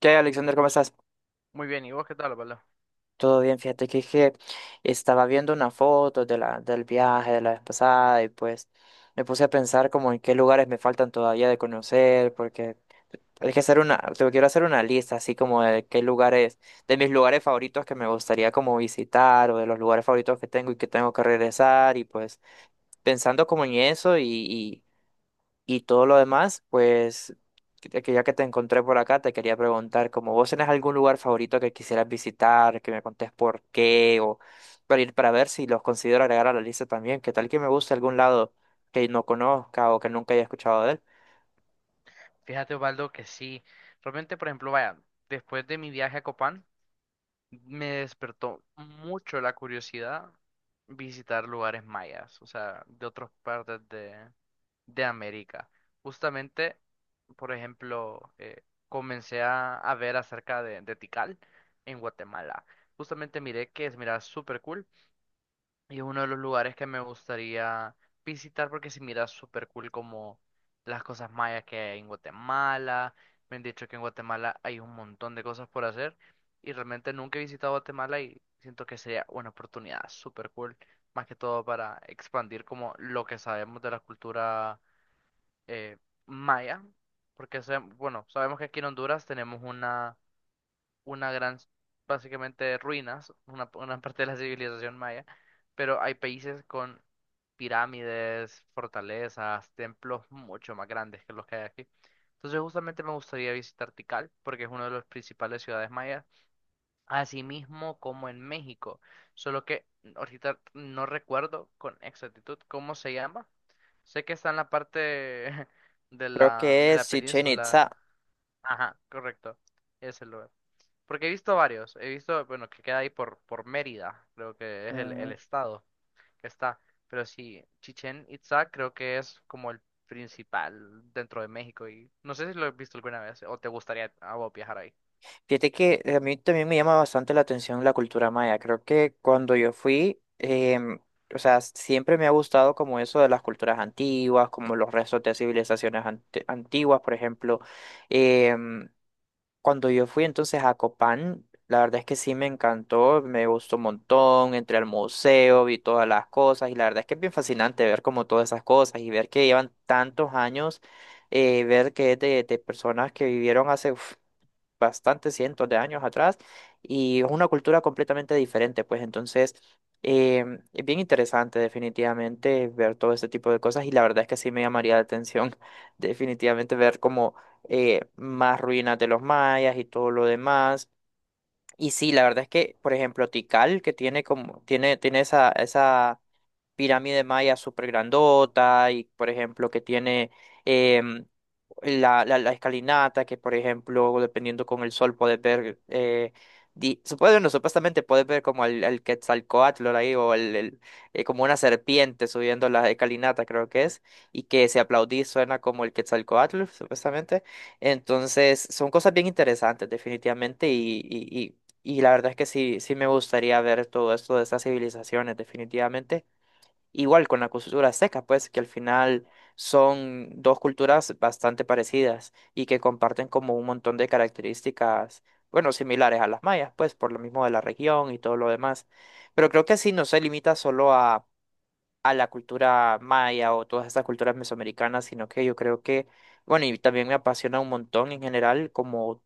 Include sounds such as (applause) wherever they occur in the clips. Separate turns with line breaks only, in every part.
¿Qué hay, Alexander? ¿Cómo estás?
Muy bien, ¿y vos qué tal, Osvaldo?
Todo bien, fíjate que estaba viendo una foto de del viaje de la vez pasada y pues me puse a pensar como en qué lugares me faltan todavía de conocer, porque hay que hacer te quiero hacer una lista así como de qué lugares, de mis lugares favoritos que me gustaría como visitar o de los lugares favoritos que tengo y que tengo que regresar y pues pensando como en eso y todo lo demás, pues, que ya que te encontré por acá, te quería preguntar, como vos tenés algún lugar favorito que quisieras visitar, que me contés por qué, o para ir para ver si los considero agregar a la lista también, que tal que me guste algún lado que no conozca o que nunca haya escuchado de él.
Fíjate, Osvaldo, que sí. Realmente, por ejemplo, vaya, después de mi viaje a Copán, me despertó mucho la curiosidad visitar lugares mayas, o sea, de otras partes de América. Justamente, por ejemplo, comencé a ver acerca de Tikal en Guatemala. Justamente miré que es, mira, súper cool. Y es uno de los lugares que me gustaría visitar porque se mira súper cool como las cosas mayas que hay en Guatemala. Me han dicho que en Guatemala hay un montón de cosas por hacer y realmente nunca he visitado Guatemala y siento que sería una oportunidad súper cool, más que todo para expandir como lo que sabemos de la cultura eh, maya. Porque, bueno, sabemos que aquí en Honduras tenemos una gran, básicamente ruinas, una parte de la civilización maya, pero hay países con pirámides, fortalezas, templos mucho más grandes que los que hay aquí. Entonces justamente me gustaría visitar Tikal, porque es una de las principales ciudades mayas, así mismo como en México, solo que ahorita no recuerdo con exactitud cómo se llama. Sé que está en la parte (laughs) de
Creo
la,
que
de
es
la
Chichen
península.
Itza.
Ajá, correcto. Ese lugar. Porque he visto varios. He visto, bueno, que queda ahí por Mérida, creo que es el estado que está. Pero sí, Chichén Itzá creo que es como el principal dentro de México. Y no sé si lo has visto alguna vez o te gustaría a vos viajar ahí.
Fíjate que a mí también me llama bastante la atención la cultura maya. Creo que cuando yo fui, o sea, siempre me ha gustado como eso de las culturas antiguas, como los restos de civilizaciones antiguas, por ejemplo. Em, Cuando yo fui entonces a Copán, la verdad es que sí me encantó, me gustó un montón, entré al museo, vi todas las cosas y la verdad es que es bien fascinante ver como todas esas cosas y ver que llevan tantos años, ver que es de personas que vivieron hace uf, bastantes cientos de años atrás y es una cultura completamente diferente, pues entonces eh, es bien interesante definitivamente ver todo este tipo de cosas y la verdad es que sí me llamaría la atención (laughs) definitivamente ver como más ruinas de los mayas y todo lo demás. Y sí, la verdad es que, por ejemplo, Tikal, que tiene como, tiene esa pirámide maya súper grandota y, por ejemplo, que tiene em, la escalinata, que por ejemplo, dependiendo con el sol, puedes ver, di- supuesto no, supuestamente puedes ver como el Quetzalcóatl ahí, o como una serpiente subiendo la escalinata, creo que es, y que si aplaudís suena como el Quetzalcóatl, supuestamente. Entonces, son cosas bien interesantes, definitivamente, y la verdad es que sí, sí me gustaría ver todo esto de estas civilizaciones, definitivamente. Igual con la cultura azteca, pues que al final son dos culturas bastante parecidas y que comparten como un montón de características, bueno, similares a las mayas, pues por lo mismo de la región y todo lo demás. Pero creo que sí no se limita solo a la cultura maya o todas estas culturas mesoamericanas, sino que yo creo que, bueno, y también me apasiona un montón en general como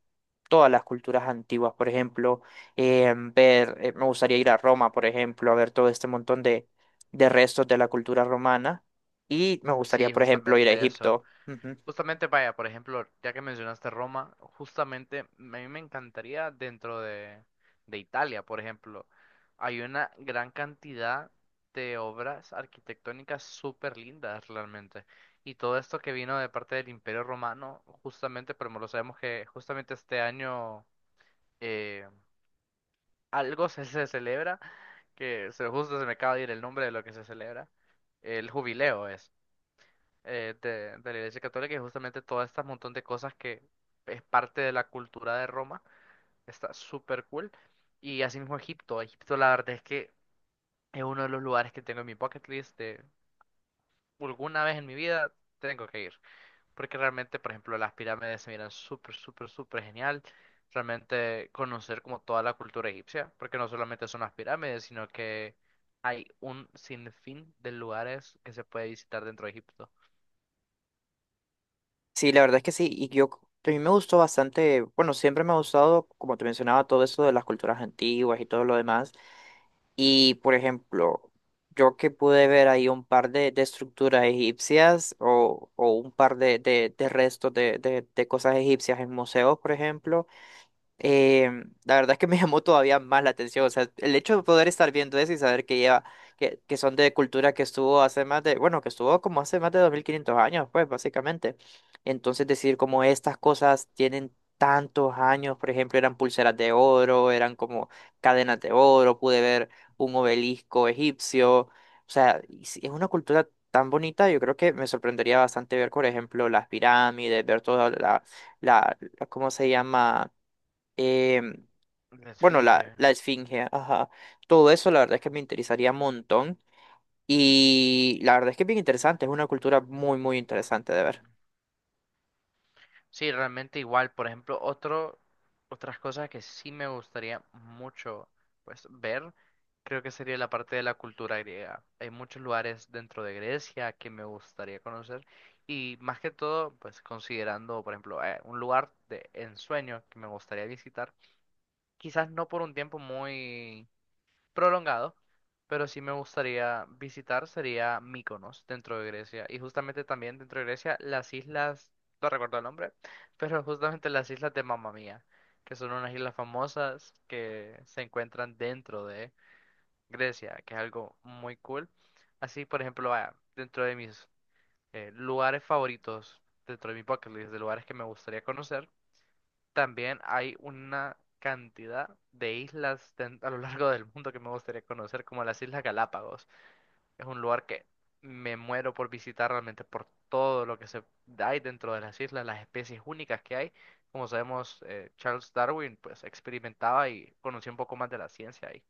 todas las culturas antiguas, por ejemplo, me gustaría ir a Roma, por ejemplo, a ver todo este montón de restos de la cultura romana y me gustaría,
Sí,
por ejemplo, ir a
justamente eso.
Egipto. Ujú.
Justamente, vaya, por ejemplo, ya que mencionaste Roma, justamente a mí me encantaría dentro de Italia, por ejemplo, hay una gran cantidad de obras arquitectónicas súper lindas realmente. Y todo esto que vino de parte del Imperio Romano, justamente, pero lo sabemos que justamente este año eh, algo se celebra, que se, justo se me acaba de ir el nombre de lo que se celebra, el jubileo de la Iglesia Católica y justamente todo este montón de cosas que es parte de la cultura de Roma. Está súper cool. Y asimismo Egipto. Egipto la verdad es que es uno de los lugares que tengo en mi bucket list de alguna vez en mi vida tengo que ir. Porque realmente, por ejemplo, las pirámides se miran súper, súper, súper genial. Realmente conocer como toda la cultura egipcia, porque no solamente son las pirámides, sino que hay un sinfín de lugares que se puede visitar dentro de Egipto.
Sí, la verdad es que sí, a mí me gustó bastante, bueno, siempre me ha gustado, como te mencionaba, todo eso de las culturas antiguas y todo lo demás, y por ejemplo, yo que pude ver ahí un par de estructuras egipcias o un par de restos de cosas egipcias en museos, por ejemplo, la verdad es que me (laughs) llamó todavía más la atención. O sea, el hecho de poder estar viendo eso y saber que lleva, que son de cultura que estuvo hace más de, bueno, que estuvo como hace más de 2500 años, pues, básicamente. Entonces, decir como estas cosas tienen tantos años, por ejemplo, eran pulseras de oro, eran como cadenas de oro, pude ver un obelisco egipcio. O sea, y si es una cultura tan bonita, yo creo que me sorprendería bastante ver, por ejemplo, las pirámides, ver toda ¿cómo se llama? em,
La
bueno,
Esfinge.
la esfinge, ajá. Todo eso la verdad es que me interesaría un montón. Y la verdad es que es bien interesante, es una cultura muy, muy interesante de ver.
Sí, realmente igual. Por ejemplo, otro, otras cosas que sí me gustaría mucho pues ver, creo que sería la parte de la cultura griega. Hay muchos lugares dentro de Grecia que me gustaría conocer y más que todo, pues considerando, por ejemplo, un lugar de ensueño que me gustaría visitar, quizás no por un tiempo muy prolongado, pero sí me gustaría visitar sería Mykonos dentro de Grecia y justamente también dentro de Grecia las islas, no recuerdo el nombre, (laughs) pero justamente las islas de Mamma Mía, que son unas islas famosas que se encuentran dentro de Grecia, que es algo muy cool. Así, por ejemplo, vaya, dentro de mis lugares favoritos, dentro de mi bucket list de lugares que me gustaría conocer, también hay una cantidad de islas a lo largo del mundo que me gustaría conocer, como las Islas Galápagos. Es un lugar que me muero por visitar realmente por todo lo que se hay dentro de las islas, las especies únicas que hay. Como sabemos, Charles Darwin pues experimentaba y conocía un poco más de la ciencia ahí.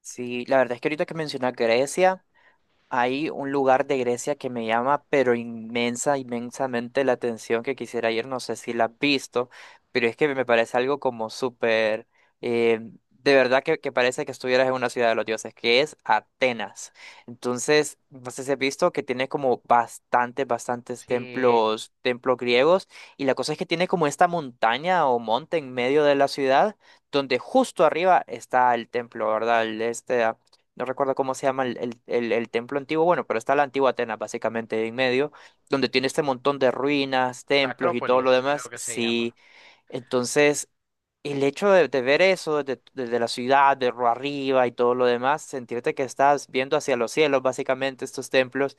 Sí, la verdad es que ahorita que mencionas Grecia. Hay un lugar de Grecia que me llama, pero inmensa, inmensamente la atención que quisiera ir. No sé si la has visto, pero es que me parece algo como súper, eh, de verdad que parece que estuvieras en una ciudad de los dioses, que es Atenas. Entonces, no sé si has visto que tiene como bastantes, bastantes
Sí,
templos, templos griegos, y la cosa es que tiene como esta montaña o monte en medio de la ciudad, donde justo arriba está el templo, ¿verdad? El este no recuerdo cómo se llama el templo antiguo, bueno, pero está la antigua Atenas básicamente en medio, donde tiene este montón de ruinas,
la
templos y todo lo
Acrópolis creo
demás.
que se
Sí,
llama.
entonces el hecho de ver eso desde la ciudad, de arriba y todo lo demás, sentirte que estás viendo hacia los cielos básicamente estos templos,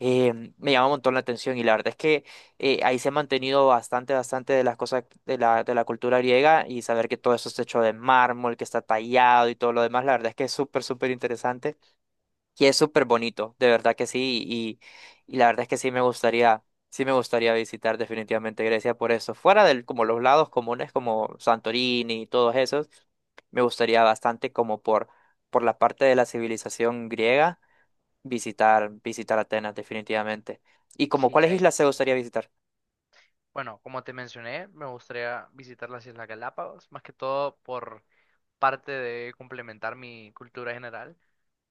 me llama un montón la atención y la verdad es que ahí se ha mantenido bastante, bastante de las cosas de de la cultura griega y saber que todo eso es hecho de mármol, que está tallado y todo lo demás, la verdad es que es súper, súper interesante y es súper bonito, de verdad que sí, y la verdad es que sí me gustaría visitar definitivamente Grecia por eso, fuera de como los lados comunes como Santorini y todos esos, me gustaría bastante como por la parte de la civilización griega visitar, visitar Atenas definitivamente. ¿Y como
Sí,
cuáles islas se gustaría visitar?
bueno, como te mencioné, me gustaría visitar las Islas Galápagos, más que todo por parte de complementar mi cultura general,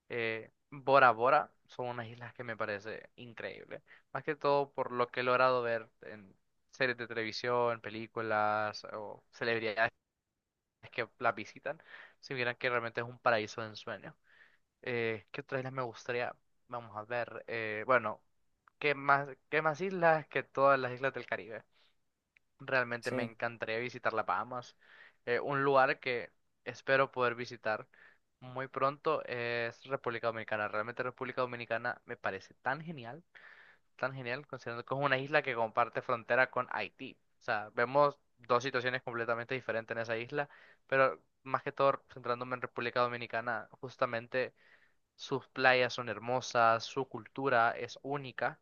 Bora Bora son unas islas que me parece increíble. Más que todo por lo que he logrado ver en series de televisión, películas o celebridades que las visitan, si vieran que realmente es un paraíso de ensueño. ¿Qué otras islas me gustaría? Vamos a ver. Bueno, qué más islas que todas las islas del Caribe? Realmente me
Sí.
encantaría visitar la Bahamas. Un lugar que espero poder visitar muy pronto es República Dominicana. Realmente República Dominicana me parece tan genial, considerando que es una isla que comparte frontera con Haití. O sea, vemos dos situaciones completamente diferentes en esa isla, pero más que todo centrándome en República Dominicana, justamente sus playas son hermosas, su cultura es única,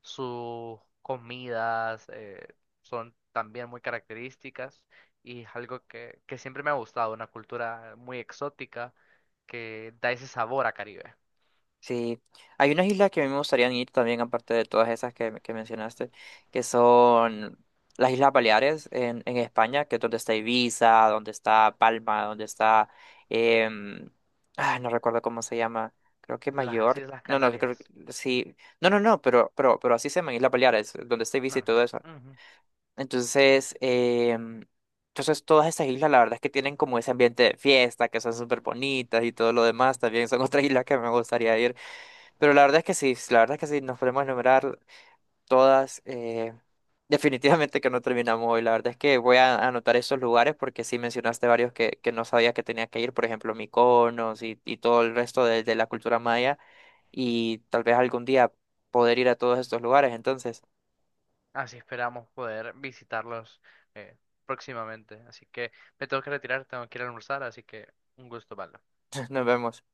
sus comidas son también muy características y es algo que siempre me ha gustado, una cultura muy exótica que da ese sabor a Caribe.
Sí, hay unas islas que a mí me gustaría ir también, aparte de todas esas que mencionaste, que son las Islas Baleares en España, que es donde está Ibiza, donde está Palma, donde está, em, no recuerdo cómo se llama, creo que
Las
Mayor,
Islas
no, no, creo que
Canarias.
sí, no, no, no, pero así se llaman Islas Baleares, donde está Ibiza y
Ah, ok.
todo eso.
Ujú.
Entonces, entonces todas estas islas, la verdad es que tienen como ese ambiente de fiesta, que son súper bonitas y todo lo demás, también son otras islas que me gustaría ir. Pero la verdad es que sí, la verdad es que sí, nos podemos enumerar todas. Definitivamente que no terminamos hoy. La verdad es que voy a anotar esos lugares porque sí mencionaste varios que no sabía que tenía que ir, por ejemplo, Mykonos y todo el resto de la cultura maya. Y tal vez algún día poder ir a todos estos lugares. Entonces,
Así esperamos poder visitarlos eh, próximamente. Así que me tengo que retirar, tengo que ir a almorzar, así que un gusto, vale.
(laughs) nos vemos.